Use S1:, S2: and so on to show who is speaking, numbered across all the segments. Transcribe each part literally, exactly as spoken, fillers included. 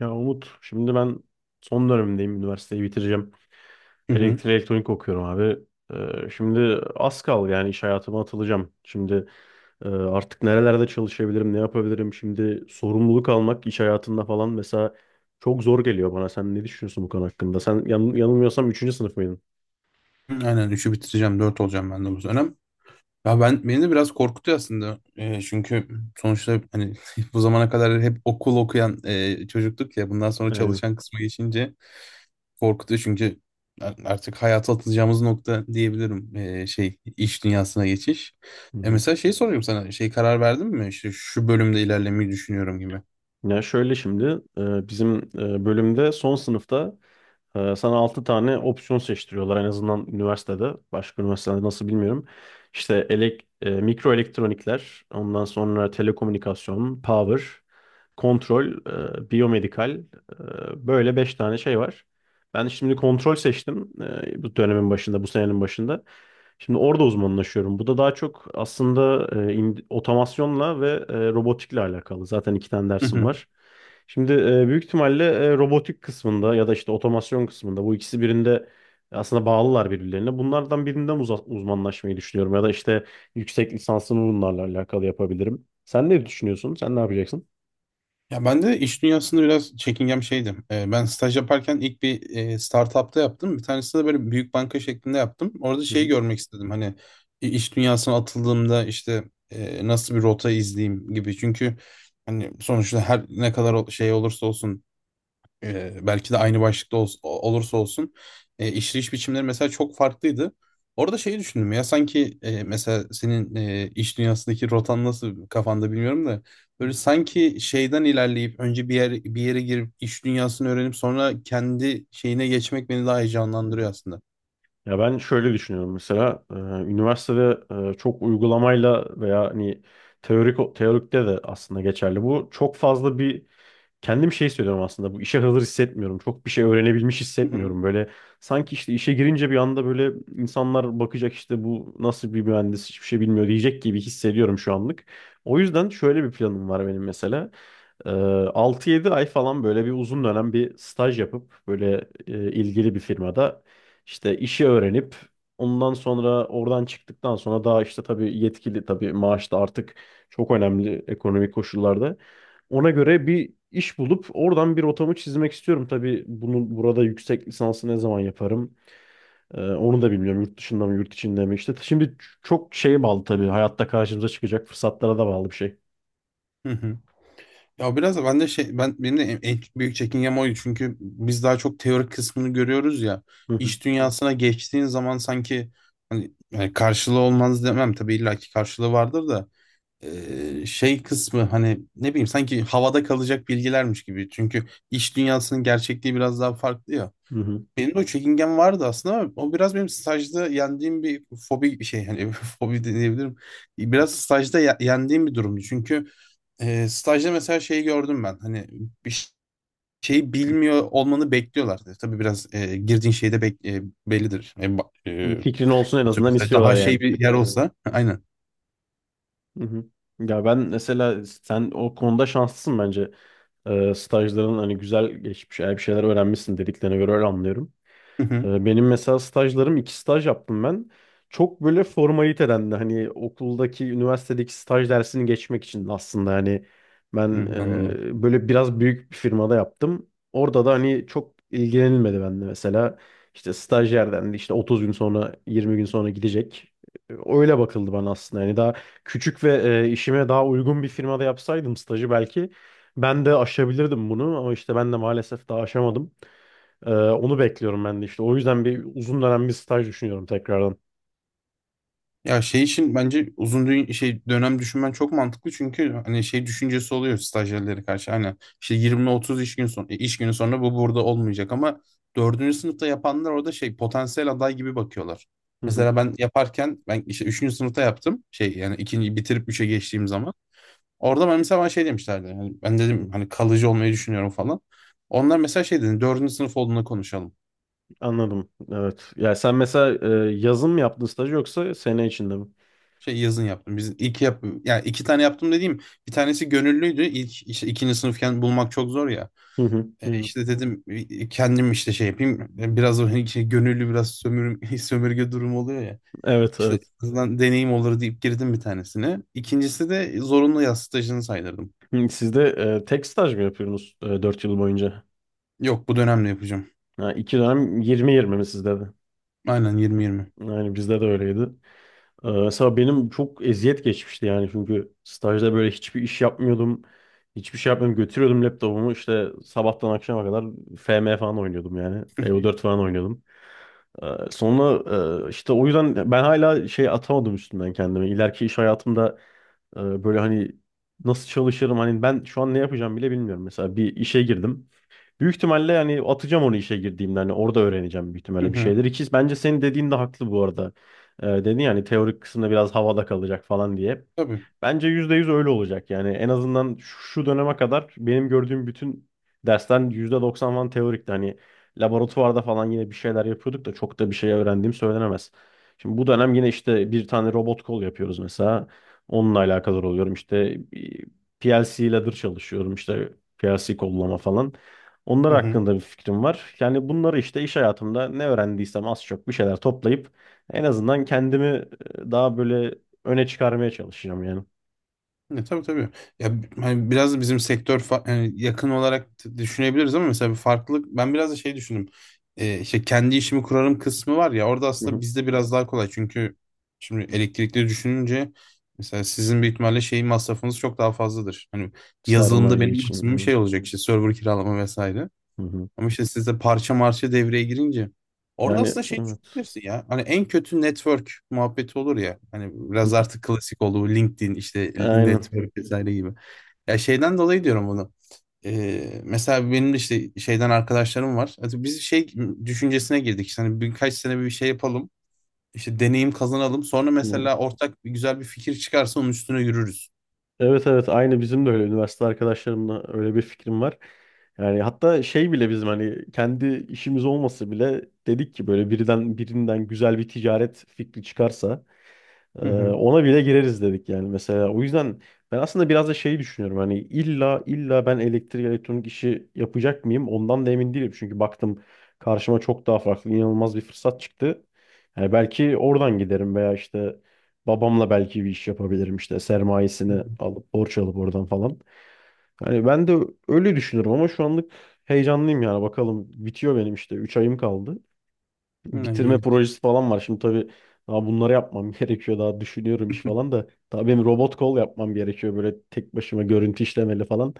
S1: Ya Umut, şimdi ben son dönemimdeyim. Üniversiteyi bitireceğim.
S2: Hı hı.
S1: Elektrik elektronik okuyorum abi. Ee, şimdi az kaldı yani iş hayatıma atılacağım. Şimdi e, artık nerelerde çalışabilirim, ne yapabilirim? Şimdi sorumluluk almak iş hayatında falan mesela çok zor geliyor bana. Sen ne düşünüyorsun bu konu hakkında? Sen yan- yanılmıyorsam üçüncü sınıf mıydın?
S2: Hı, aynen üçü bitireceğim. Dört olacağım ben de bu dönem. Ya ben beni de biraz korkutuyor aslında. Ee, çünkü sonuçta hani bu zamana kadar hep okul okuyan e, çocuktuk ya. Bundan sonra
S1: Yani,
S2: çalışan kısmı geçince korkutuyor çünkü ar- artık hayata atılacağımız nokta diyebilirim. Ee, şey iş dünyasına geçiş.
S1: hı
S2: E
S1: hı.
S2: mesela şey soruyorum sana. Şey karar verdin mi? İşte şu bölümde ilerlemeyi düşünüyorum gibi.
S1: Ya şöyle şimdi e, bizim e, bölümde son sınıfta Ee, sana altı tane opsiyon seçtiriyorlar en azından üniversitede. Başka üniversitelerde nasıl bilmiyorum. İşte elek, e, mikro elektronikler, ondan sonra telekomünikasyon, power, kontrol, e, biyomedikal. e, böyle beş tane şey var. Ben şimdi kontrol seçtim e, bu dönemin başında, bu senenin başında. Şimdi orada uzmanlaşıyorum. Bu da daha çok aslında e, in- otomasyonla ve e, robotikle alakalı. Zaten iki tane dersim var. Şimdi e, büyük ihtimalle e, robotik kısmında ya da işte otomasyon kısmında bu ikisi birinde aslında bağlılar birbirlerine. Bunlardan birinden uza- uzmanlaşmayı düşünüyorum ya da işte yüksek lisansımı bunlarla alakalı yapabilirim. Sen ne düşünüyorsun? Sen ne yapacaksın?
S2: Ya ben de iş dünyasında biraz çekingen bir şeydim. Ee, ben staj yaparken ilk bir e, startup'ta yaptım. Bir tanesinde böyle büyük banka şeklinde yaptım. Orada
S1: Hı
S2: şeyi
S1: hı.
S2: görmek istedim. Hani i- iş dünyasına atıldığımda işte e, nasıl bir rota izleyeyim gibi. Çünkü hani sonuçta her ne kadar o- şey olursa olsun, e, belki de aynı başlıkta ols- olursa olsun, e, işleyiş biçimleri mesela çok farklıydı. Orada şeyi düşündüm ya sanki, e, mesela senin e, iş dünyasındaki rotan nasıl kafanda bilmiyorum da
S1: Hı
S2: böyle sanki şeyden ilerleyip önce bir yer bir yere girip iş dünyasını öğrenip sonra kendi şeyine geçmek beni daha
S1: hı.
S2: heyecanlandırıyor aslında.
S1: Ya ben şöyle düşünüyorum mesela, e, üniversitede e, çok uygulamayla veya hani teorik teorikte de aslında geçerli bu. Çok fazla bir kendim şey söylüyorum, aslında bu işe hazır hissetmiyorum. Çok bir şey öğrenebilmiş
S2: Hı hı.
S1: hissetmiyorum. Böyle sanki işte işe girince bir anda böyle insanlar bakacak, işte bu nasıl bir mühendis, hiçbir şey bilmiyor diyecek gibi hissediyorum şu anlık. O yüzden şöyle bir planım var benim mesela. Ee, altı yedi ay falan böyle bir uzun dönem bir staj yapıp böyle e, ilgili bir firmada işte işi öğrenip, ondan sonra oradan çıktıktan sonra daha işte tabii yetkili, tabii maaş da artık çok önemli ekonomik koşullarda. Ona göre bir iş bulup oradan bir rotamı çizmek istiyorum. Tabii bunu burada, yüksek lisansı ne zaman yaparım? Ee, onu da bilmiyorum. Yurt dışında mı, yurt içinde mi? İşte şimdi çok şeye bağlı tabii. Hayatta karşımıza çıkacak fırsatlara da bağlı bir şey.
S2: Hı hı. Ya biraz da ben de şey, ben benim de en en büyük çekingem oydu çünkü biz daha çok teorik kısmını görüyoruz ya,
S1: Hı hı.
S2: iş dünyasına geçtiğin zaman sanki hani yani karşılığı olmaz demem tabii illaki karşılığı vardır da eee, şey kısmı hani ne bileyim sanki havada kalacak bilgilermiş gibi çünkü iş dünyasının gerçekliği biraz daha farklı ya.
S1: Hı hı.
S2: Benim de o çekingen vardı aslında ama o biraz benim stajda yendiğim bir fobi bir şey hani fobi diyebilirim. Biraz stajda ye- yendiğim bir durumdu çünkü e, stajda mesela şeyi gördüm ben. Hani bir ş- şeyi bilmiyor olmanı bekliyorlardı. Tabii biraz, e, girdiğin şeyde bek e, bellidir. E, ba- e,
S1: Bir fikrin olsun en
S2: atıyorum
S1: azından
S2: mesela
S1: istiyorlar
S2: daha şey
S1: yani.
S2: bir yer olsa. Aynen.
S1: Hı hı. Ya ben mesela, sen o konuda şanslısın bence. Ee, stajların hani güzel geçmiş, eğer bir şeyler öğrenmişsin dediklerine göre öyle anlıyorum.
S2: Hı hı.
S1: Ee, Benim mesela stajlarım, iki staj yaptım ben. Çok böyle formaliteden de, hani okuldaki üniversitedeki staj dersini geçmek için aslında, yani ben
S2: Hı, anladım.
S1: e, böyle biraz büyük bir firmada yaptım. Orada da hani çok ilgilenilmedi bende mesela. İşte stajyer dendi, işte otuz gün sonra yirmi gün sonra gidecek. E, Öyle bakıldı bana aslında. Yani daha küçük ve e, işime daha uygun bir firmada yapsaydım stajı, belki ben de aşabilirdim bunu, ama işte ben de maalesef daha aşamadım. Ee, onu bekliyorum ben de işte. O yüzden bir uzun dönem bir staj düşünüyorum tekrardan.
S2: Ya şey için bence uzun dü- şey dönem düşünmen çok mantıklı çünkü hani şey düşüncesi oluyor stajyerlere karşı hani işte yirmi otuz iş gün son e, iş günü sonra bu burada olmayacak ama dördüncü sınıfta yapanlar orada şey potansiyel aday gibi bakıyorlar.
S1: Hı hı,
S2: Mesela ben yaparken ben işte üçüncü sınıfta yaptım şey, yani ikinci bitirip üçe geçtiğim zaman orada ben mesela bana şey demişlerdi, yani ben dedim hani kalıcı olmayı düşünüyorum falan. Onlar mesela şey dedi, dördüncü sınıf olduğunda konuşalım.
S1: anladım. Evet. Ya sen mesela e, yazın mı yaptın staj yoksa sene içinde mi?
S2: Şey yazın yaptım. Biz ilk yap, yani iki tane yaptım dediğim, bir tanesi gönüllüydü. İlk işte ikinci sınıfken bulmak çok zor ya.
S1: Hı hı,
S2: E,
S1: hı.
S2: işte dedim, e, kendim işte şey yapayım. E, Biraz o hani şey, gönüllü biraz sömür, sömürge durumu oluyor ya.
S1: Evet,
S2: İşte
S1: evet.
S2: en azından deneyim olur deyip girdim bir tanesine. İkincisi de zorunlu yaz stajını saydırdım.
S1: Hı, Siz de e, tek staj mı yapıyorsunuz e, dört yıl boyunca?
S2: Yok, bu dönemde yapacağım.
S1: Ha, iki dönem yirmi yirmi mi sizde de?
S2: Aynen yirmi yirmi.
S1: Yani bizde de öyleydi. E, mesela benim çok eziyet geçmişti yani, çünkü stajda böyle hiçbir iş yapmıyordum. Hiçbir şey yapmıyordum. Götürüyordum laptopumu, işte sabahtan akşama kadar F M falan oynuyordum yani. E O dört falan oynuyordum. Ee, Sonra e, işte o yüzden ben hala şey atamadım üstümden kendimi, İleriki iş hayatımda e, böyle hani nasıl çalışırım, hani ben şu an ne yapacağım bile bilmiyorum. Mesela bir işe girdim. Büyük ihtimalle yani atacağım onu, işe girdiğimde hani orada öğreneceğim büyük
S2: Hı
S1: ihtimalle bir
S2: hı.
S1: şeyler. İki, bence senin dediğin de haklı bu arada. Ee, dedin yani teorik kısımda biraz havada kalacak falan diye.
S2: Tabii.
S1: Bence yüzde yüz öyle olacak. Yani en azından şu döneme kadar benim gördüğüm bütün derslerin doksan falan teorikti. Hani laboratuvarda falan yine bir şeyler yapıyorduk da, çok da bir şey öğrendiğim söylenemez. Şimdi bu dönem yine işte bir tane robot kol yapıyoruz mesela. Onunla alakadar oluyorum. İşte P L C ladder çalışıyorum. İşte P L C kollama falan. Onlar
S2: Hı hı.
S1: hakkında bir fikrim var. Yani bunları, işte iş hayatımda ne öğrendiysem az çok bir şeyler toplayıp en azından kendimi e, daha böyle öne çıkarmaya çalışacağım yani.
S2: Ya, tabii tabii. Ya b- hani biraz da bizim sektör fa- yani yakın olarak t- düşünebiliriz ama mesela bir farklılık ben biraz da şey düşündüm. Ee, işte kendi işimi kurarım kısmı var ya, orada
S1: Hı
S2: aslında
S1: hı.
S2: bizde biraz daha kolay çünkü şimdi elektrikli düşününce, mesela sizin büyük ihtimalle şeyin masrafınız çok daha fazladır. Hani yazılımda
S1: Sermaye
S2: benim
S1: için.
S2: maksimum
S1: evet.
S2: şey olacak, işte server kiralama vesaire.
S1: Hı hı.
S2: Ama işte sizde parça marşı devreye girince orada
S1: Yani
S2: aslında şey
S1: evet.
S2: düşünürsün ya. Hani en kötü network muhabbeti olur ya. Hani
S1: Hı
S2: biraz
S1: hı.
S2: artık klasik oldu bu LinkedIn, işte
S1: Aynen.
S2: network vesaire gibi. Ya şeyden dolayı diyorum bunu. Ee, mesela benim de işte şeyden arkadaşlarım var. Hadi biz şey düşüncesine girdik. İşte hani birkaç sene bir şey yapalım. İşte deneyim kazanalım. Sonra
S1: Hı hı.
S2: mesela ortak bir güzel bir fikir çıkarsa onun üstüne yürürüz.
S1: Evet, evet, aynı bizim de öyle, üniversite arkadaşlarımla öyle bir fikrim var. Yani hatta şey bile bizim, hani kendi işimiz olması bile, dedik ki böyle birden birinden güzel bir ticaret fikri çıkarsa Ee,
S2: Hı hı.
S1: ona bile gireriz dedik yani mesela. O yüzden ben aslında biraz da şeyi düşünüyorum. Hani illa illa ben elektrik elektronik işi yapacak mıyım? Ondan da emin değilim. Çünkü baktım karşıma çok daha farklı, inanılmaz bir fırsat çıktı. Yani belki oradan giderim veya işte babamla belki bir iş yapabilirim, işte
S2: Hı
S1: sermayesini
S2: hı.
S1: alıp, borç alıp oradan falan. Hani ben de öyle düşünüyorum, ama şu anlık heyecanlıyım yani, bakalım bitiyor benim, işte üç ayım kaldı,
S2: Ne
S1: bitirme
S2: iyi.
S1: projesi falan var. Şimdi tabii daha bunları yapmam gerekiyor. Daha düşünüyorum iş falan da. Tabii benim robot kol yapmam gerekiyor. Böyle tek başıma görüntü işlemeli falan.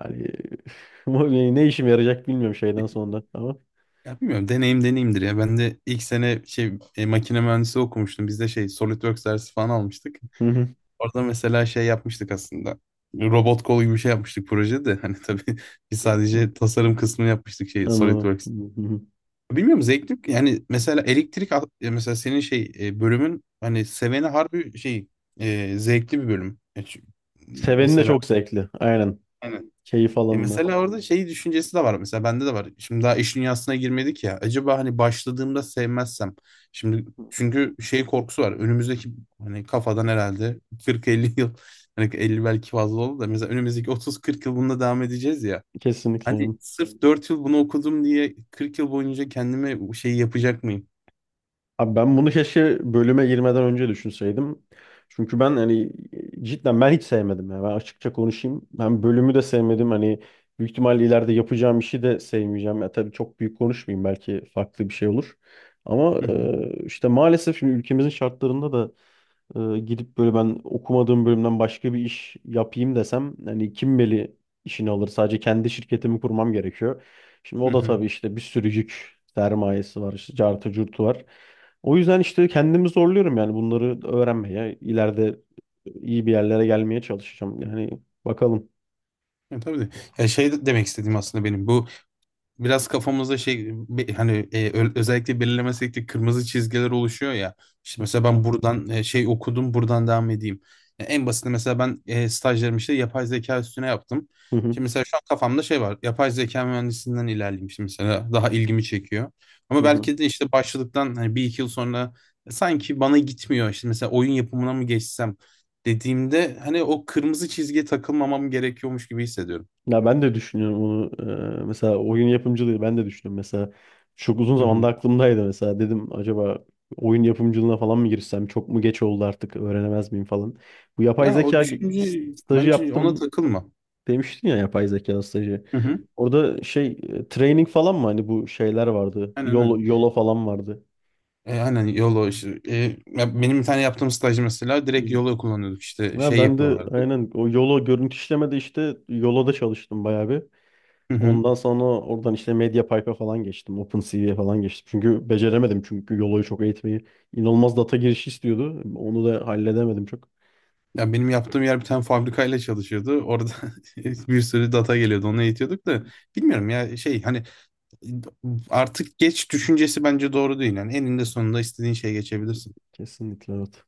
S1: Yani ama ne işime yarayacak bilmiyorum şeyden sonra. Ama
S2: Ya bilmiyorum, deneyim deneyimdir ya. Ben de ilk sene şey, e, makine mühendisi okumuştum. Biz de şey SolidWorks dersi falan almıştık.
S1: hı hı.
S2: Orada mesela şey yapmıştık aslında. Robot kol gibi bir şey yapmıştık projede. Hani tabii biz sadece tasarım kısmını yapmıştık, şey
S1: anladım.
S2: SolidWorks.
S1: Hı hı.
S2: Bilmiyorum, zevkli. Yani mesela elektrik al- ya mesela senin şey, e, bölümün hani seveni harbi şey, e, zevkli bir bölüm. E, çünkü
S1: Seveni de
S2: mesela
S1: çok zevkli. Aynen. Keyif
S2: ya
S1: alanına.
S2: mesela orada şey düşüncesi de var. Mesela bende de var. Şimdi daha iş dünyasına girmedik ya. Acaba hani başladığımda sevmezsem. Şimdi çünkü şey korkusu var. Önümüzdeki hani kafadan herhalde kırk elli yıl. Hani elli belki fazla oldu da. Mesela önümüzdeki otuz kırk yıl bununla devam edeceğiz ya.
S1: Kesinlikle.
S2: Hani sırf dört yıl bunu okudum diye kırk yıl boyunca kendime şey yapacak mıyım?
S1: Abi ben bunu keşke bölüme girmeden önce düşünseydim. Çünkü ben, hani cidden ben hiç sevmedim ya. Ben açıkça konuşayım. Ben bölümü de sevmedim. Hani büyük ihtimalle ileride yapacağım işi de sevmeyeceğim. Ya tabii çok büyük konuşmayayım, belki farklı bir şey olur. Ama
S2: Hı hı.
S1: e, işte maalesef şimdi ülkemizin şartlarında da e, gidip böyle ben okumadığım bölümden başka bir iş yapayım desem, hani kim beli işini alır? Sadece kendi şirketimi kurmam gerekiyor. Şimdi
S2: Hı
S1: o da
S2: hı.
S1: tabii işte bir sürü yük, sermayesi var, işte cartı curtu var. O yüzden işte kendimi zorluyorum yani bunları öğrenmeye. İleride iyi bir yerlere gelmeye çalışacağım. Yani bakalım.
S2: Ya tabii de. Ya şey de- demek istediğim aslında benim bu biraz kafamızda şey be- hani, e, ö- özellikle belirlemesek de kırmızı çizgiler oluşuyor ya. İşte mesela ben buradan, e, şey okudum buradan devam edeyim. Ya en basiti mesela ben, e, stajlarımı işte yapay zeka üstüne yaptım.
S1: Hı hı,
S2: Şimdi mesela şu an kafamda şey var. Yapay zeka mühendisinden ilerleyeyim işte, mesela daha ilgimi çekiyor.
S1: hı
S2: Ama
S1: hı.
S2: belki de işte başladıktan hani bir iki yıl sonra e, sanki bana gitmiyor. İşte mesela oyun yapımına mı geçsem dediğimde hani o kırmızı çizgiye takılmamam gerekiyormuş gibi hissediyorum.
S1: Ya ben de düşünüyorum onu. Ee, mesela oyun yapımcılığı ben de düşünüyorum. Mesela çok uzun zamanda aklımdaydı mesela. Dedim acaba oyun yapımcılığına falan mı girsem? Çok mu geç oldu artık, öğrenemez miyim falan. Bu yapay
S2: Ya o
S1: zeka ge- s-
S2: düşünce,
S1: stajı
S2: bence ona
S1: yaptım
S2: takılma.
S1: demiştin ya, yapay zeka stajı.
S2: Hı hı.
S1: Orada şey, e, training falan mı hani, bu şeyler vardı.
S2: Aynen
S1: Yolo,
S2: aynen.
S1: Yolo falan vardı.
S2: E, aynen YOLO işte. E, ya benim bir tane yaptığım staj mesela
S1: Hı
S2: direkt
S1: hı.
S2: YOLO kullanıyorduk, işte
S1: Ya
S2: şey
S1: ben de
S2: yapıyorlardı.
S1: aynen o Yolo, görüntü işlemede işte Yolo'da çalıştım bayağı bir.
S2: Hı hı.
S1: Ondan sonra oradan işte MediaPipe'a falan geçtim. OpenCV'ye falan geçtim. Çünkü beceremedim, çünkü Yolo'yu çok eğitmeyi. İnanılmaz data girişi istiyordu. Onu da halledemedim çok.
S2: Ya benim yaptığım yer bir tane fabrikayla çalışıyordu. Orada bir sürü data geliyordu, onu eğitiyorduk da bilmiyorum ya şey hani artık geç düşüncesi bence doğru değil. Yani eninde sonunda istediğin şeye geçebilirsin.
S1: Kesinlikle evet.